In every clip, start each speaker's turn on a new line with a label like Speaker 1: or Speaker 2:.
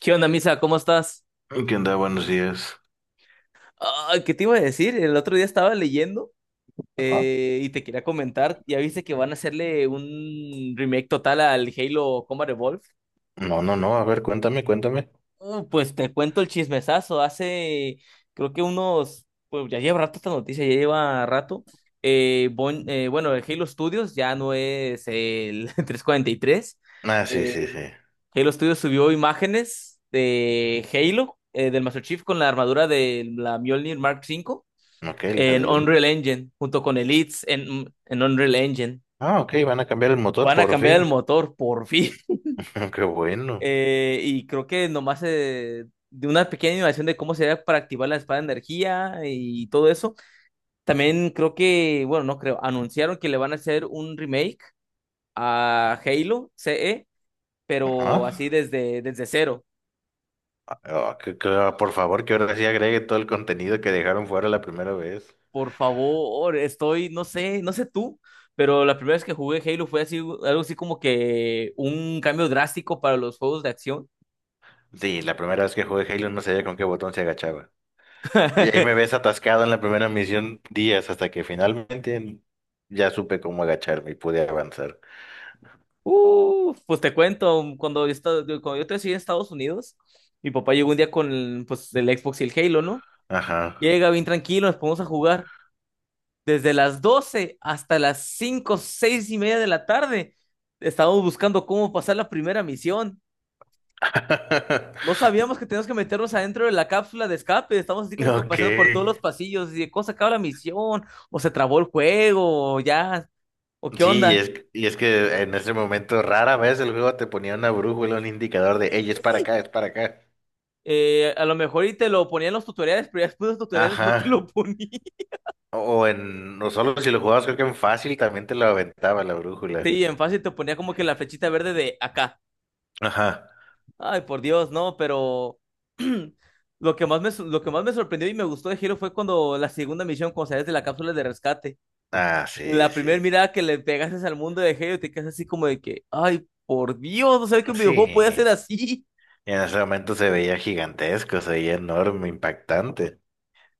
Speaker 1: ¿Qué onda, Misa? ¿Cómo estás?
Speaker 2: ¿Qué onda? Buenos días.
Speaker 1: Ay, ¿qué te iba a decir? El otro día estaba leyendo
Speaker 2: Ajá.
Speaker 1: y te quería comentar. Ya viste que van a hacerle un remake total al Halo Combat Evolved.
Speaker 2: No, a ver, cuéntame.
Speaker 1: Pues te cuento el chismesazo. Creo que unos, pues ya lleva rato esta noticia, ya lleva rato. Bueno, el Halo Studios ya no es el 343.
Speaker 2: Ah, sí, sí,
Speaker 1: Eh,
Speaker 2: sí.
Speaker 1: Halo Studios subió imágenes de Halo, del Master Chief con la armadura de la Mjolnir Mark V
Speaker 2: Ok, la
Speaker 1: en
Speaker 2: del uno.
Speaker 1: Unreal Engine, junto con Elites en Unreal Engine.
Speaker 2: Ah, ok, van a cambiar el motor
Speaker 1: Van a
Speaker 2: por
Speaker 1: cambiar el
Speaker 2: fin.
Speaker 1: motor, por fin.
Speaker 2: Qué bueno.
Speaker 1: Y creo que nomás de una pequeña innovación de cómo sería para activar la espada de energía y todo eso. También creo que, bueno, no creo, anunciaron que le van a hacer un remake a Halo CE, pero así
Speaker 2: Ajá.
Speaker 1: desde cero.
Speaker 2: Ah, por favor, que ahora sí agregue todo el contenido que dejaron fuera la primera vez.
Speaker 1: Por favor, estoy, no sé, no sé tú, pero la primera vez que jugué Halo fue así, algo así como que un cambio drástico para los juegos de acción.
Speaker 2: Sí, la primera vez que jugué Halo no sabía con qué botón se agachaba. Y ahí me ves atascado en la primera misión días hasta que finalmente ya supe cómo agacharme y pude avanzar.
Speaker 1: Pues te cuento, cuando yo estoy en Estados Unidos, mi papá llegó un día con el, pues, el Xbox y el Halo, ¿no?
Speaker 2: Ajá.
Speaker 1: Llega bien tranquilo, nos ponemos a jugar. Desde las 12 hasta las 5 6 y media de la tarde, estábamos buscando cómo pasar la primera misión. No sabíamos que teníamos que meternos adentro de la cápsula de escape. Estábamos así como que
Speaker 2: Ok.
Speaker 1: paseando por todos los pasillos. Y de cómo se acaba la misión, o se trabó el juego, o ya, o qué
Speaker 2: Sí, y
Speaker 1: onda.
Speaker 2: es, y es que en ese momento rara vez el juego te ponía una brújula, un indicador de, hey, es para acá, es para acá.
Speaker 1: A lo mejor y te lo ponía en los tutoriales, pero ya después de los tutoriales no te lo
Speaker 2: Ajá.
Speaker 1: ponía.
Speaker 2: O en, no solo si lo jugabas, creo que en fácil también te lo aventaba la brújula.
Speaker 1: Sí, en fácil te ponía como que la flechita verde de acá.
Speaker 2: Ajá.
Speaker 1: Ay, por Dios, no, pero lo que más me sorprendió y me gustó de Hero fue cuando la segunda misión, cuando sales de la cápsula de rescate,
Speaker 2: Ah, sí,
Speaker 1: la
Speaker 2: sí,
Speaker 1: primera
Speaker 2: sí.
Speaker 1: mirada que le pegaste al mundo de Hero, te quedas así como de que, ay, por Dios, no sabía que un
Speaker 2: Sí.
Speaker 1: videojuego puede hacer así.
Speaker 2: Y en ese momento se veía gigantesco, se veía enorme, impactante.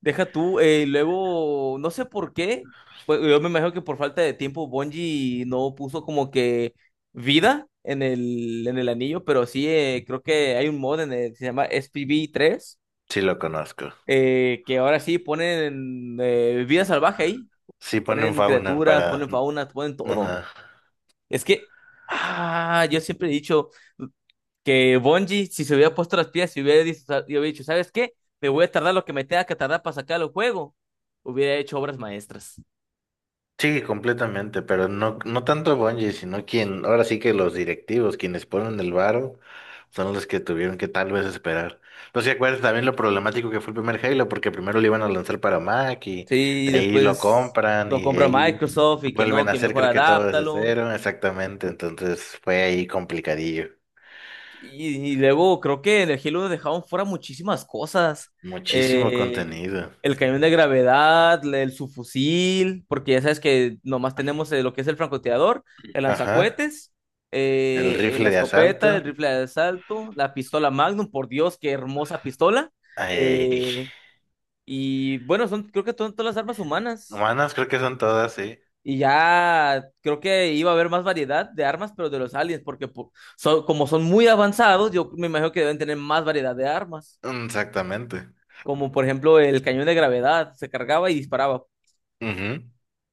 Speaker 1: Deja tú, luego, no sé por qué, pues, yo me imagino que por falta de tiempo Bungie no puso como que vida en el anillo, pero sí, creo que hay un mod en el, se llama SPV3
Speaker 2: Sí, lo conozco.
Speaker 1: , que ahora sí ponen vida salvaje ahí,
Speaker 2: Sí, ponen
Speaker 1: ponen
Speaker 2: fauna
Speaker 1: criaturas,
Speaker 2: para...
Speaker 1: ponen faunas, ponen todo.
Speaker 2: Ajá.
Speaker 1: Es que, ah, yo siempre he dicho que Bungie, si se hubiera puesto las piezas y hubiera dicho, ¿sabes qué? Me voy a tardar lo que me tenga que tardar para sacar el juego. Hubiera hecho obras maestras.
Speaker 2: Sí, completamente, pero no, no tanto Bungie, sino quien, ahora sí que los directivos, quienes ponen el varo, son los que tuvieron que tal vez esperar. No sé si acuerdas también lo problemático que fue el primer Halo, porque primero lo iban a lanzar para Mac y
Speaker 1: Sí, y
Speaker 2: de ahí lo
Speaker 1: después
Speaker 2: compran
Speaker 1: lo
Speaker 2: y de
Speaker 1: compra
Speaker 2: ahí
Speaker 1: Microsoft y que no,
Speaker 2: vuelven a
Speaker 1: que
Speaker 2: hacer
Speaker 1: mejor
Speaker 2: creo que todo desde
Speaker 1: adáptalo.
Speaker 2: cero, exactamente, entonces fue ahí complicadillo.
Speaker 1: Y luego creo que en el Halo dejaron fuera muchísimas cosas.
Speaker 2: Muchísimo
Speaker 1: Eh,
Speaker 2: contenido.
Speaker 1: el cañón de gravedad, el subfusil, porque ya sabes que nomás tenemos lo que es el francotirador, el
Speaker 2: Ajá,
Speaker 1: lanzacohetes,
Speaker 2: el
Speaker 1: la
Speaker 2: rifle de
Speaker 1: escopeta, el
Speaker 2: asalto.
Speaker 1: rifle de asalto, la pistola Magnum, por Dios, qué hermosa pistola.
Speaker 2: Ay,
Speaker 1: Eh, y bueno, son creo que son todas las armas humanas.
Speaker 2: humanas creo que son todas, sí.
Speaker 1: Y ya creo que iba a haber más variedad de armas, pero de los aliens, porque como son muy avanzados, yo me imagino que deben tener más variedad de armas,
Speaker 2: Exactamente.
Speaker 1: como por ejemplo el cañón de gravedad, se cargaba y disparaba.
Speaker 2: Ujú.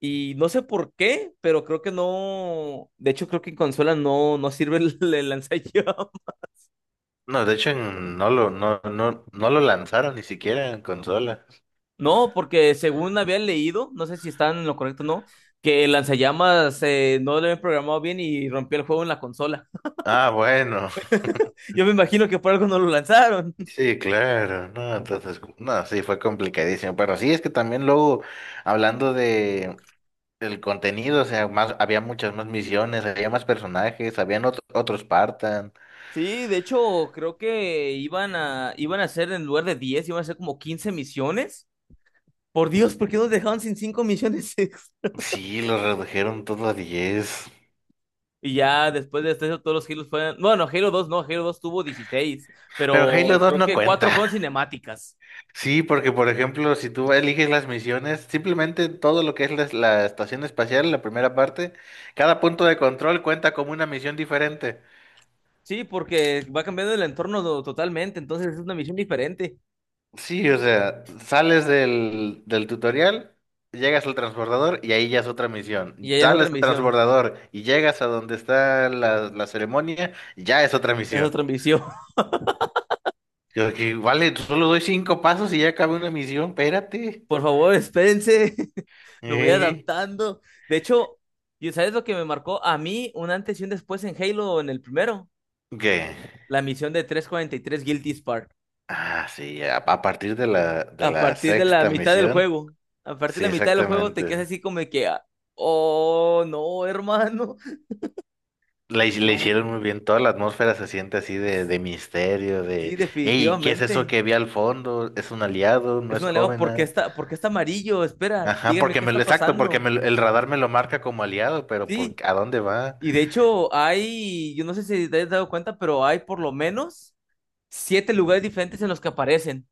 Speaker 1: Y no sé por qué, pero creo que no, de hecho creo que en consola no, no sirve el, el lanzallamas.
Speaker 2: No, de hecho no lo, no lo lanzaron ni siquiera en consola.
Speaker 1: No, porque según había leído, no sé si están en lo correcto o no, que el lanzallamas no lo habían programado bien y rompió el juego en la consola.
Speaker 2: Ah, bueno,
Speaker 1: Yo me imagino que por algo no lo lanzaron.
Speaker 2: sí, claro, no, entonces, no, sí, fue complicadísimo, pero sí, es que también luego, hablando de el contenido, o sea, más, había muchas más misiones, había más personajes, habían otros Spartan,
Speaker 1: Sí, de hecho, creo que iban a hacer en lugar de 10 iban a hacer como 15 misiones. Por Dios, ¿por qué nos dejaban sin 5 misiones extra?
Speaker 2: sí, lo redujeron todo a 10,
Speaker 1: Y ya después de esto, todos los Halo fueron. Bueno, Halo 2 no, Halo 2 tuvo 16,
Speaker 2: pero Halo
Speaker 1: pero
Speaker 2: dos
Speaker 1: creo
Speaker 2: no
Speaker 1: que 4
Speaker 2: cuenta.
Speaker 1: fueron cinemáticas.
Speaker 2: Sí, porque por ejemplo, si tú eliges las misiones, simplemente todo lo que es la estación espacial, la primera parte, cada punto de control cuenta como una misión diferente.
Speaker 1: Sí, porque va cambiando el entorno totalmente, entonces es una misión diferente.
Speaker 2: Sí, o sea, sales del tutorial, llegas al transbordador y ahí ya es otra
Speaker 1: Y
Speaker 2: misión.
Speaker 1: allá es otra
Speaker 2: Sales al
Speaker 1: misión,
Speaker 2: transbordador y llegas a donde está la ceremonia, ya es otra
Speaker 1: es
Speaker 2: misión.
Speaker 1: otra misión.
Speaker 2: Yo que, vale, solo doy cinco pasos y ya acabé una misión, espérate.
Speaker 1: Por favor, espérense, me voy
Speaker 2: Eh,
Speaker 1: adaptando. De hecho, ¿y sabes lo que me marcó a mí un antes y un después en Halo en el primero?
Speaker 2: ¿Qué?
Speaker 1: La misión de 343 Guilty Spark.
Speaker 2: Ah, sí, a partir de de
Speaker 1: A
Speaker 2: la
Speaker 1: partir de la
Speaker 2: sexta
Speaker 1: mitad del
Speaker 2: misión.
Speaker 1: juego, a partir de
Speaker 2: Sí,
Speaker 1: la mitad del juego te
Speaker 2: exactamente.
Speaker 1: quedas así como de que, ah, oh, no, hermano.
Speaker 2: Le
Speaker 1: Yo,
Speaker 2: hicieron muy bien, toda la atmósfera se siente así de misterio,
Speaker 1: sí,
Speaker 2: de, hey, ¿qué es eso
Speaker 1: definitivamente.
Speaker 2: que vi al fondo? ¿Es un aliado? ¿No
Speaker 1: Es
Speaker 2: es
Speaker 1: un aliado,
Speaker 2: Covenant?
Speaker 1: por qué está amarillo? Espera,
Speaker 2: Ajá,
Speaker 1: díganme
Speaker 2: porque
Speaker 1: qué
Speaker 2: me lo,
Speaker 1: está
Speaker 2: exacto,
Speaker 1: pasando.
Speaker 2: el radar me lo marca como aliado, pero por,
Speaker 1: Sí,
Speaker 2: ¿a dónde va?
Speaker 1: y de hecho hay, yo no sé si te has dado cuenta, pero hay por lo menos 7 lugares diferentes en los que aparecen.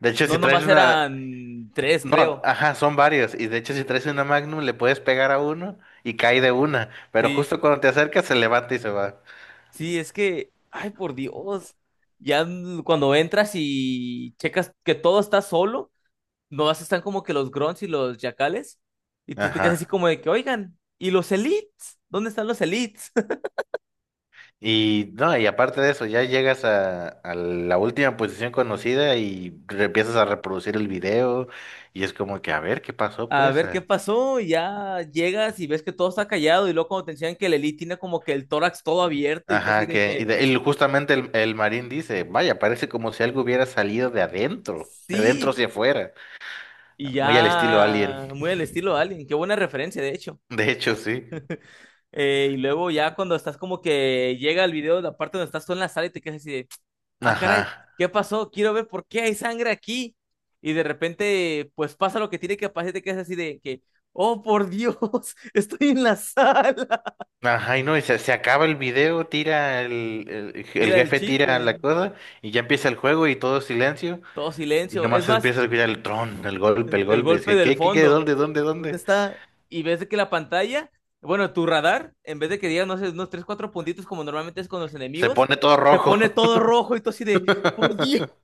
Speaker 2: De hecho,
Speaker 1: No,
Speaker 2: si traes
Speaker 1: nomás
Speaker 2: una,
Speaker 1: eran tres,
Speaker 2: no,
Speaker 1: creo.
Speaker 2: ajá, son varios, y de hecho si traes una Magnum le puedes pegar a uno y cae de una, pero
Speaker 1: Sí.
Speaker 2: justo cuando te acercas se levanta y se va.
Speaker 1: Sí, es que, ay, por Dios, ya cuando entras y checas que todo está solo, nomás están como que los grunts y los yacales, y tú te quedas así
Speaker 2: Ajá.
Speaker 1: como de que, oigan, ¿y los elites? ¿Dónde están los elites?
Speaker 2: Y no, y aparte de eso, ya llegas a la última posición conocida y empiezas a reproducir el video y es como que a ver qué pasó,
Speaker 1: A
Speaker 2: pues.
Speaker 1: ver qué
Speaker 2: a-
Speaker 1: pasó, y ya llegas y ves que todo está callado, y luego cuando te enseñan que el elite tiene como que el tórax todo abierto, y tú así
Speaker 2: Ajá,
Speaker 1: de que,
Speaker 2: y justamente el marín dice, vaya, parece como si algo hubiera salido de adentro
Speaker 1: sí,
Speaker 2: hacia afuera,
Speaker 1: y
Speaker 2: muy al estilo Alien.
Speaker 1: ya, muy al estilo de alguien, qué buena referencia, de hecho.
Speaker 2: De hecho, sí.
Speaker 1: Y luego ya cuando estás como que llega el video, la parte donde estás tú en la sala y te quedas así de, ah, caray,
Speaker 2: Ajá.
Speaker 1: ¿qué pasó? Quiero ver por qué hay sangre aquí. Y de repente, pues pasa lo que tiene que pasar y te quedas así de que, oh, por Dios, estoy en la sala.
Speaker 2: Ajá, y no, se acaba el video, tira el
Speaker 1: Tira el
Speaker 2: jefe
Speaker 1: chip,
Speaker 2: tira la cosa y ya empieza el juego y todo silencio.
Speaker 1: todo
Speaker 2: Y
Speaker 1: silencio. Es
Speaker 2: nomás
Speaker 1: más,
Speaker 2: empieza a escuchar el tron, el golpe,
Speaker 1: el
Speaker 2: el golpe. Y es
Speaker 1: golpe
Speaker 2: que,
Speaker 1: del
Speaker 2: qué?
Speaker 1: fondo. ¿Dónde
Speaker 2: Dónde?
Speaker 1: está? Y ves de que la pantalla, bueno, tu radar, en vez de que diga, no sé, unos tres, cuatro puntitos como normalmente es con los
Speaker 2: Se
Speaker 1: enemigos,
Speaker 2: pone todo
Speaker 1: te pone
Speaker 2: rojo.
Speaker 1: todo rojo y tú así de, por Dios.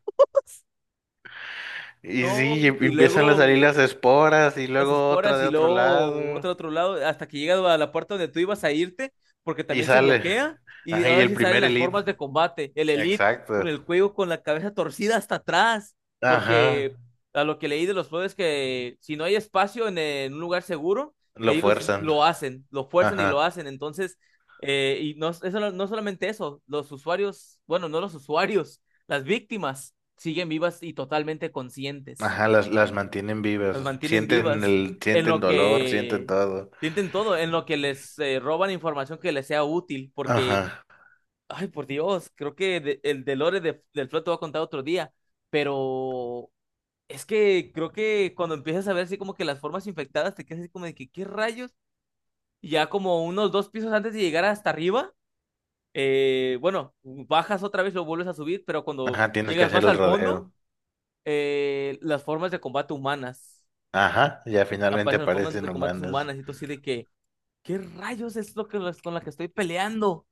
Speaker 2: Y
Speaker 1: No,
Speaker 2: sí, y
Speaker 1: y
Speaker 2: empiezan a
Speaker 1: luego
Speaker 2: salir las esporas y
Speaker 1: las
Speaker 2: luego otra
Speaker 1: esporas
Speaker 2: de
Speaker 1: y
Speaker 2: otro
Speaker 1: luego
Speaker 2: lado.
Speaker 1: otro lado, hasta que llegas a la puerta donde tú ibas a irte, porque
Speaker 2: Y
Speaker 1: también se
Speaker 2: sale.
Speaker 1: bloquea, y
Speaker 2: Ajá, y
Speaker 1: ahora
Speaker 2: el
Speaker 1: sí salen
Speaker 2: primer
Speaker 1: las formas
Speaker 2: elite.
Speaker 1: de combate, el Elite con
Speaker 2: Exacto.
Speaker 1: el cuello, con la cabeza torcida hasta atrás,
Speaker 2: Ajá.
Speaker 1: porque a lo que leí de los juegos es que si no hay espacio en un lugar seguro,
Speaker 2: Lo
Speaker 1: ellos
Speaker 2: fuerzan.
Speaker 1: lo hacen, lo fuerzan y lo
Speaker 2: Ajá.
Speaker 1: hacen, entonces, y no, eso, no solamente eso, los usuarios, bueno, no los usuarios, las víctimas siguen vivas y totalmente conscientes.
Speaker 2: Ajá, las mantienen
Speaker 1: Las
Speaker 2: vivas.
Speaker 1: mantienen
Speaker 2: Sienten
Speaker 1: vivas. En
Speaker 2: sienten
Speaker 1: lo
Speaker 2: dolor, sienten
Speaker 1: que
Speaker 2: todo.
Speaker 1: sienten todo, en lo que les roban información que les sea útil, porque,
Speaker 2: Ajá.
Speaker 1: ay, por Dios, creo que el de Lore del Flood te voy a contar otro día, pero es que creo que cuando empiezas a ver así como que las formas infectadas, te quedas así como de que, ¿qué rayos? Y ya como unos dos pisos antes de llegar hasta arriba, bueno, bajas otra vez, lo vuelves a subir, pero cuando
Speaker 2: Ajá, tienes que
Speaker 1: llegas
Speaker 2: hacer
Speaker 1: más
Speaker 2: el
Speaker 1: al fondo,
Speaker 2: rodeo.
Speaker 1: las formas de combate humanas,
Speaker 2: Ajá, ya finalmente
Speaker 1: aparecen las formas
Speaker 2: aparecen
Speaker 1: de combates
Speaker 2: humanos.
Speaker 1: humanas, y tú así de que... ¿qué rayos es lo que con la que estoy peleando?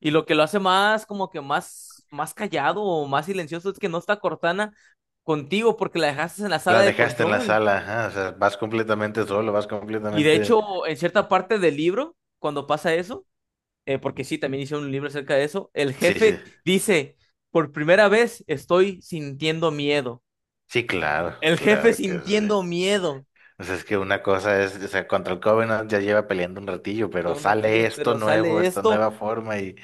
Speaker 1: Y lo que lo hace más, como que más, más callado o más silencioso es que no está Cortana contigo porque la dejaste en la sala
Speaker 2: La
Speaker 1: de
Speaker 2: dejaste en la
Speaker 1: control.
Speaker 2: sala, ajá, o sea, vas completamente solo, vas
Speaker 1: Y de
Speaker 2: completamente...
Speaker 1: hecho, en cierta parte del libro, cuando pasa eso, porque sí, también hice un libro acerca de eso, el
Speaker 2: Sí,
Speaker 1: jefe dice, por primera vez estoy sintiendo miedo.
Speaker 2: sí, claro,
Speaker 1: El jefe
Speaker 2: claro que sí.
Speaker 1: sintiendo miedo
Speaker 2: O sea, es que una cosa es, o sea, contra el Covenant ya lleva peleando un ratillo, pero
Speaker 1: todo un ratillo,
Speaker 2: sale esto
Speaker 1: pero
Speaker 2: nuevo,
Speaker 1: sale
Speaker 2: esta
Speaker 1: esto,
Speaker 2: nueva forma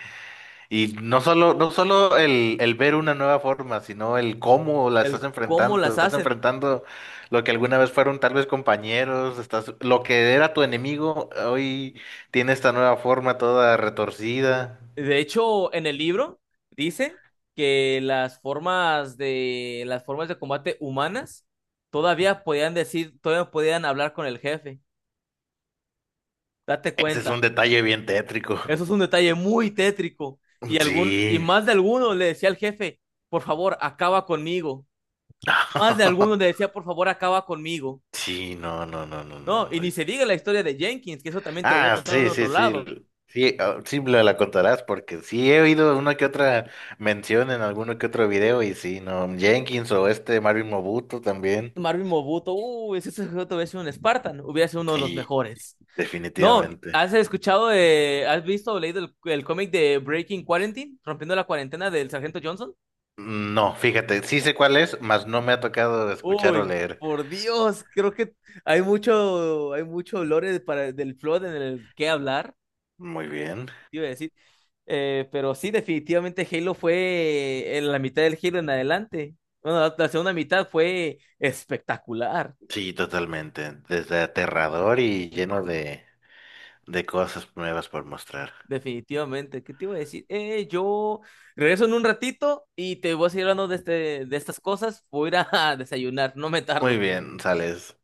Speaker 2: y no solo, el ver una nueva forma, sino el cómo la
Speaker 1: el cómo las
Speaker 2: estás
Speaker 1: hacen.
Speaker 2: enfrentando lo que alguna vez fueron tal vez compañeros, estás, lo que era tu enemigo, hoy tiene esta nueva forma toda retorcida.
Speaker 1: De hecho, en el libro dice que las formas de combate humanas todavía podían decir, todavía podían hablar con el jefe. Date
Speaker 2: Ese es un
Speaker 1: cuenta.
Speaker 2: detalle bien tétrico.
Speaker 1: Eso es un detalle muy tétrico. Y
Speaker 2: Sí.
Speaker 1: más de alguno le decía al jefe, por favor, acaba conmigo. Más de alguno le decía, por favor, acaba conmigo.
Speaker 2: Sí,
Speaker 1: No, y
Speaker 2: no.
Speaker 1: ni se diga la historia de Jenkins, que eso también te lo voy a
Speaker 2: Ah,
Speaker 1: contar en
Speaker 2: sí,
Speaker 1: otro
Speaker 2: sí,
Speaker 1: lado.
Speaker 2: sí. Sí, ah, sí me la contarás porque sí he oído una que otra mención en alguno que otro video y sí, no. Jenkins o este Marvin Mobuto también.
Speaker 1: Marvin Mobuto, uy, si ese sujeto hubiera sido un Spartan, hubiera sido uno de los
Speaker 2: Sí,
Speaker 1: mejores. No,
Speaker 2: definitivamente.
Speaker 1: ¿has escuchado de, has visto o leído el cómic de Breaking Quarantine, rompiendo la cuarentena del Sargento Johnson?
Speaker 2: No, fíjate, sí sé cuál es, mas no me ha tocado escuchar o
Speaker 1: Uy,
Speaker 2: leer.
Speaker 1: por Dios, creo que hay mucho lore para, del Flood en el que hablar,
Speaker 2: Muy bien.
Speaker 1: te iba a decir. Pero sí, definitivamente Halo fue en la mitad del Halo en adelante. Bueno, la segunda mitad fue espectacular.
Speaker 2: Sí, totalmente. Desde aterrador y lleno de cosas nuevas por mostrar.
Speaker 1: Definitivamente, ¿qué te iba a decir? Yo regreso en un ratito y te voy a seguir hablando de, este, de estas cosas. Voy a ir a desayunar, no me
Speaker 2: Muy
Speaker 1: tardo.
Speaker 2: bien, sales.